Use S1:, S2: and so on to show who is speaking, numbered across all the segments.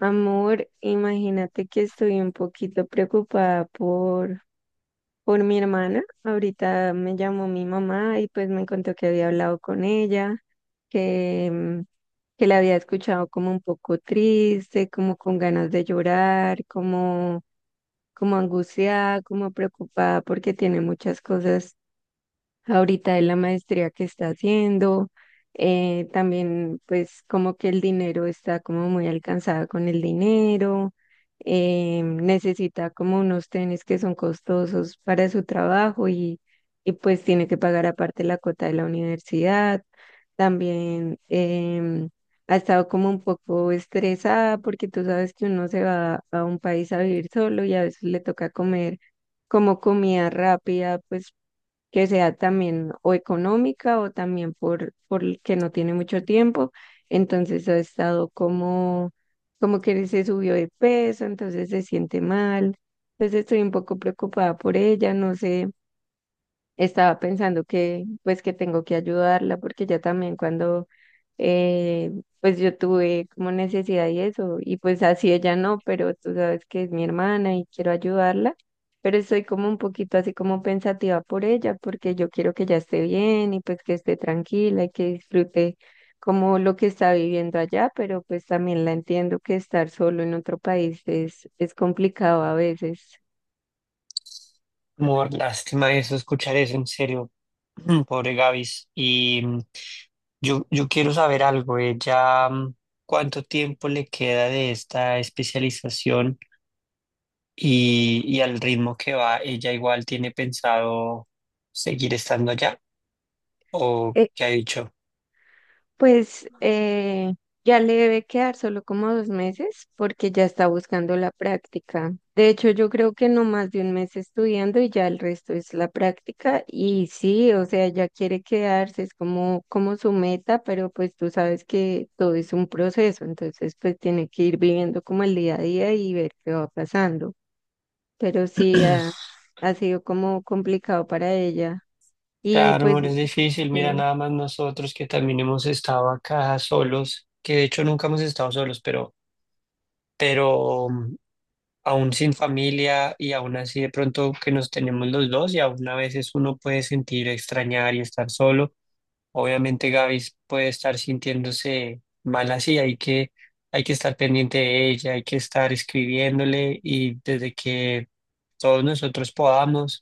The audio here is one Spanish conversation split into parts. S1: Amor, imagínate que estoy un poquito preocupada por mi hermana. Ahorita me llamó mi mamá y pues me contó que había hablado con ella, que, mm, que la había escuchado como un poco triste, como con ganas de como angustiada, como preocupada porque tiene muchas cosas ahorita en la maestría que está haciendo. También pues como que el dinero está como muy alcanzada con el dinero. Necesita como unos tenis que son costosos para su trabajo, y pues tiene que pagar aparte la cuota de la universidad. También ha estado como un poco estresada porque tú sabes que uno se va a un país a vivir solo y a veces le toca comer como comida rápida, pues que sea también o económica o también por el que no tiene mucho tiempo. Entonces ha estado como, Como que se subió de peso, entonces se siente mal. Entonces estoy un poco preocupada por ella, no sé, estaba pensando que pues que tengo que ayudarla porque ya también cuando eh, pues yo tuve como necesidad y eso y pues así ella no, pero tú sabes que es mi hermana y quiero ayudarla, pero estoy como un poquito así como pensativa por ella porque yo quiero que ella esté bien y pues que esté tranquila y que disfrute como lo que está viviendo allá, pero pues también la entiendo que estar solo en otro país es complicado a veces.
S2: Amor, lástima eso, escuchar eso en serio, pobre Gavis. Y yo quiero saber algo, ella, cuánto tiempo le queda de esta especialización y al ritmo que va, ella igual tiene pensado seguir estando allá o qué ha dicho.
S1: Pues ya le debe quedar solo como 2 meses porque ya está buscando la práctica. De hecho, yo creo que no más de 1 mes estudiando y ya el resto es la práctica. Y sí, o sea, ya quiere quedarse, es como su meta, pero pues tú sabes que todo es un proceso, entonces pues tiene que ir viviendo como el día a día y ver qué va pasando. Pero sí, ha sido como complicado para ella. Y
S2: Claro,
S1: pues...
S2: amor, es difícil, mira,
S1: Sí,
S2: nada más nosotros que también hemos estado acá solos, que de hecho nunca hemos estado solos, pero aún sin familia y aún así de pronto que nos tenemos los dos y aún a veces uno puede sentir extrañar y estar solo. Obviamente Gaby puede estar sintiéndose mal así, hay que estar pendiente de ella, hay que estar escribiéndole y desde que todos nosotros podamos,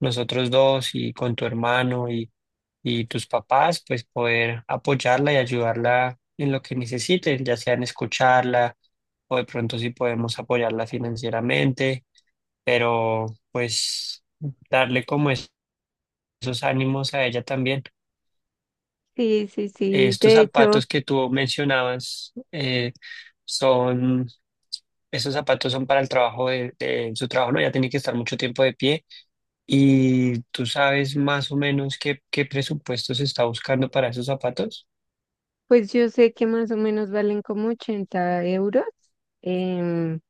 S2: nosotros dos y con tu hermano y tus papás, pues poder apoyarla y ayudarla en lo que necesiten, ya sea en escucharla o de pronto si podemos apoyarla financieramente, pero pues darle como esos ánimos a ella también.
S1: sí.
S2: Estos
S1: De hecho,
S2: zapatos que tú mencionabas son, esos zapatos son para el trabajo de su trabajo, ¿no? Ya tiene que estar mucho tiempo de pie. ¿Y tú sabes más o menos qué presupuesto se está buscando para esos zapatos?
S1: pues yo sé que más o menos valen como 80 euros, em,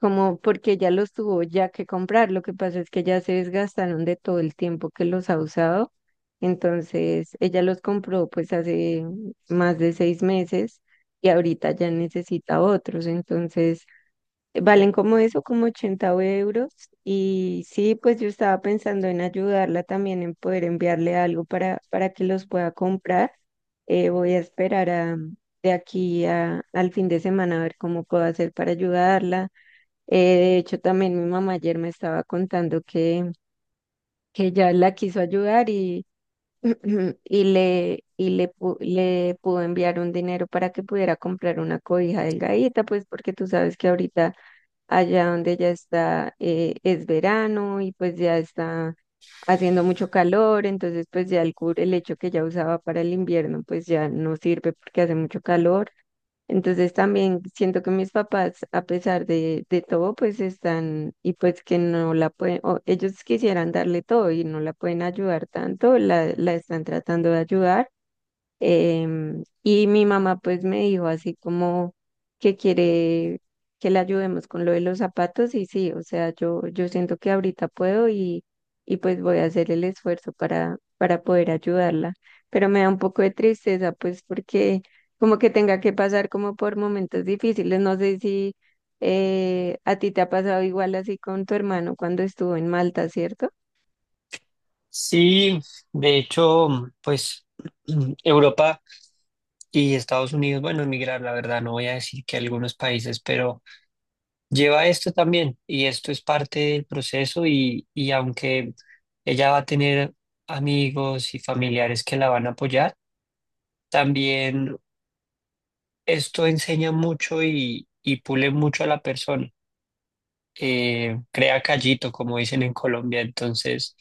S1: como porque ya los tuvo ya que comprar. Lo que pasa es que ya se desgastaron de todo el tiempo que los ha usado. Entonces, ella los compró pues hace más de 6 meses y ahorita ya necesita otros. Entonces, valen como eso, como 80 euros. Y sí, pues yo estaba pensando en ayudarla también, en poder enviarle algo para que los pueda comprar. Voy a esperar de aquí a, al fin de semana a ver cómo puedo hacer para ayudarla. De hecho, también mi mamá ayer me estaba contando que ya la quiso ayudar y, y le, pu- le pudo enviar un dinero para que pudiera comprar una cobija delgadita, pues porque tú sabes que ahorita allá donde ya está, es verano y pues ya está haciendo mucho calor, entonces pues ya el el hecho que ya usaba para el invierno, pues ya no sirve porque hace mucho calor. Entonces también siento que mis papás, a pesar de todo, pues están y pues que no la pueden, o ellos quisieran darle todo y no la pueden ayudar tanto, la están tratando de ayudar. Y mi mamá pues me dijo así como que quiere que le ayudemos con lo de los zapatos y sí, o sea, yo siento que ahorita puedo y pues voy a hacer el esfuerzo para poder ayudarla. Pero me da un poco de tristeza pues porque como que tenga que pasar como por momentos difíciles, no sé si a ti te ha pasado igual así con tu hermano cuando estuvo en Malta, ¿cierto?
S2: Sí, de hecho, pues Europa y Estados Unidos, bueno, emigrar, la verdad, no voy a decir que algunos países, pero lleva esto también y esto es parte del proceso y aunque ella va a tener amigos y familiares que la van a apoyar, también esto enseña mucho y pule mucho a la persona, crea callito, como dicen en Colombia, entonces...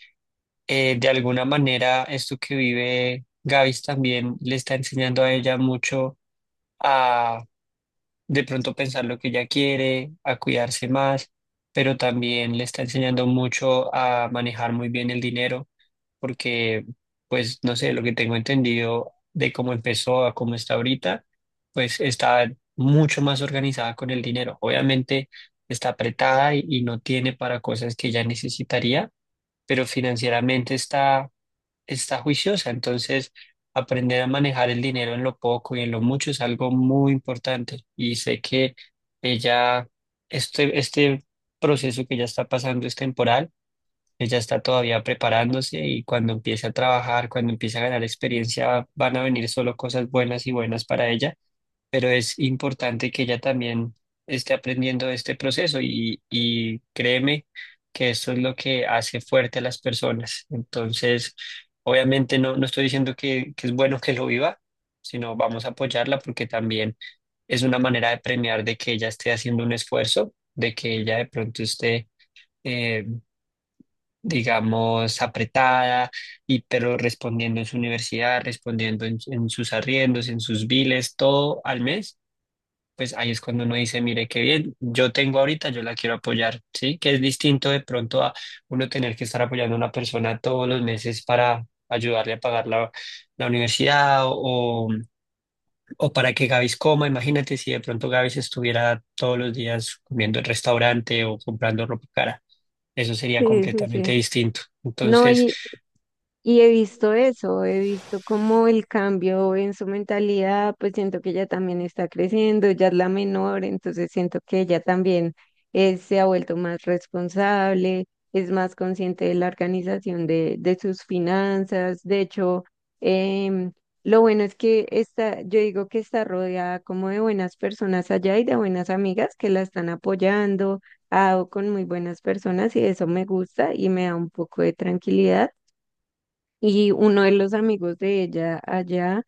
S2: de alguna manera esto que vive Gavis también le está enseñando a ella mucho a de pronto pensar lo que ella quiere, a cuidarse más, pero también le está enseñando mucho a manejar muy bien el dinero, porque pues no sé, lo que tengo entendido de cómo empezó a cómo está ahorita, pues está mucho más organizada con el dinero. Obviamente está apretada y no tiene para cosas que ella necesitaría pero financieramente está juiciosa. Entonces, aprender a manejar el dinero en lo poco y en lo mucho es algo muy importante. Y sé que ella, este proceso que ya está pasando es temporal. Ella está todavía preparándose y cuando empiece a trabajar, cuando empiece a ganar experiencia, van a venir solo cosas buenas y buenas para ella pero es importante que ella también esté aprendiendo este proceso y créeme que esto es lo que hace fuerte a las personas. Entonces, obviamente no, no estoy diciendo que es bueno que lo viva, sino vamos a apoyarla porque también es una manera de premiar de que ella esté haciendo un esfuerzo, de que ella de pronto esté, eh, digamos, apretada, pero respondiendo en su universidad, respondiendo en sus arriendos, en sus biles, todo al mes pues ahí es cuando uno dice, mire, qué bien, yo tengo ahorita, yo la quiero apoyar, ¿sí? Que es distinto de pronto a uno tener que estar apoyando a una persona todos los meses para ayudarle a pagar la universidad o para que Gavis coma. Imagínate si de pronto Gavis estuviera todos los días comiendo en restaurante o comprando ropa cara. Eso sería
S1: Sí, sí, sí.
S2: completamente distinto.
S1: No,
S2: Entonces,
S1: y, Y he visto eso, he visto cómo el cambio en su mentalidad, pues siento que ella también está creciendo, ya es la menor, entonces siento que ella también se ha vuelto más responsable, es más consciente de la organización de sus finanzas. De hecho, em, lo bueno es que está, yo digo que está rodeada como de buenas personas allá y de buenas amigas que la están apoyando, ha dado con muy buenas personas y eso me gusta y me da un poco de tranquilidad y uno de los amigos de ella allá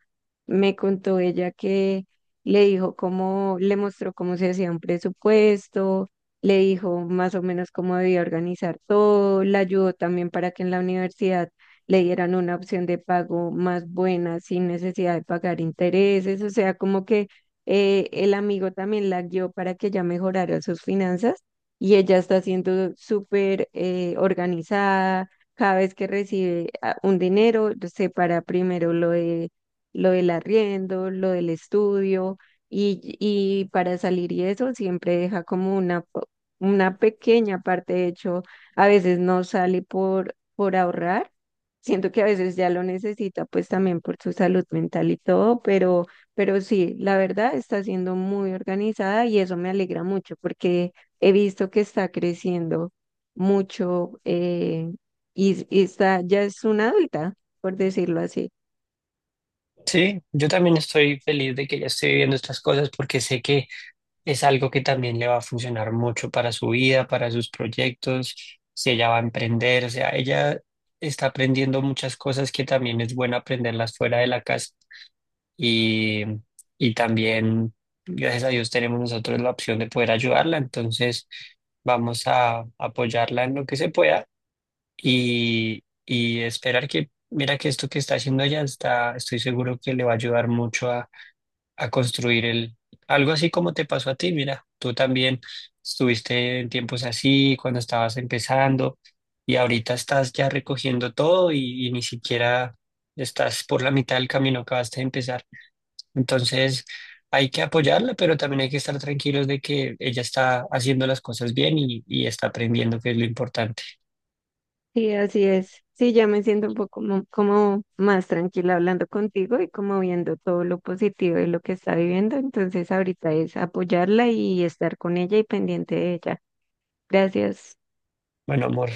S1: me contó ella que le dijo cómo, le mostró cómo se hacía un presupuesto, le dijo más o menos cómo debía organizar todo, la ayudó también para que en la universidad le dieran una opción de pago más buena, sin necesidad de pagar intereses, o sea, como que el amigo también la guió para que ella mejorara sus finanzas y ella está siendo súper organizada. Cada vez que recibe un dinero, separa primero lo de lo del arriendo, lo del estudio y para salir y eso siempre deja como una pequeña parte, de hecho, a veces no sale por ahorrar, siento que a veces ya lo necesita pues también por su salud mental y todo, pero sí, la verdad está siendo muy organizada y eso me alegra mucho porque he visto que está creciendo mucho, y está, ya es una adulta, por decirlo así.
S2: sí, yo también estoy feliz de que ya estoy viviendo estas cosas porque sé que es algo que también le va a funcionar mucho para su vida, para sus proyectos, si ella va a emprender, o sea, ella está aprendiendo muchas cosas que también es bueno aprenderlas fuera de la casa y, y también, gracias a Dios, tenemos nosotros la opción de poder ayudarla, entonces vamos a apoyarla en lo que se pueda y esperar que, mira que esto que está haciendo ella está, estoy seguro que le va a ayudar mucho a construir el, algo así como te pasó a ti, mira, tú también estuviste en tiempos así, cuando estabas empezando, y ahorita estás ya recogiendo todo y ni siquiera estás por la mitad del camino que vas a empezar. Entonces, hay que apoyarla, pero también hay que estar tranquilos de que ella está haciendo las cosas bien y está aprendiendo, que es lo importante.
S1: Sí, así es. Sí, ya me siento un poco como más tranquila hablando contigo y como viendo todo lo positivo de lo que está viviendo. Entonces ahorita es apoyarla y estar con ella y pendiente de ella. Gracias.
S2: Bueno, amor,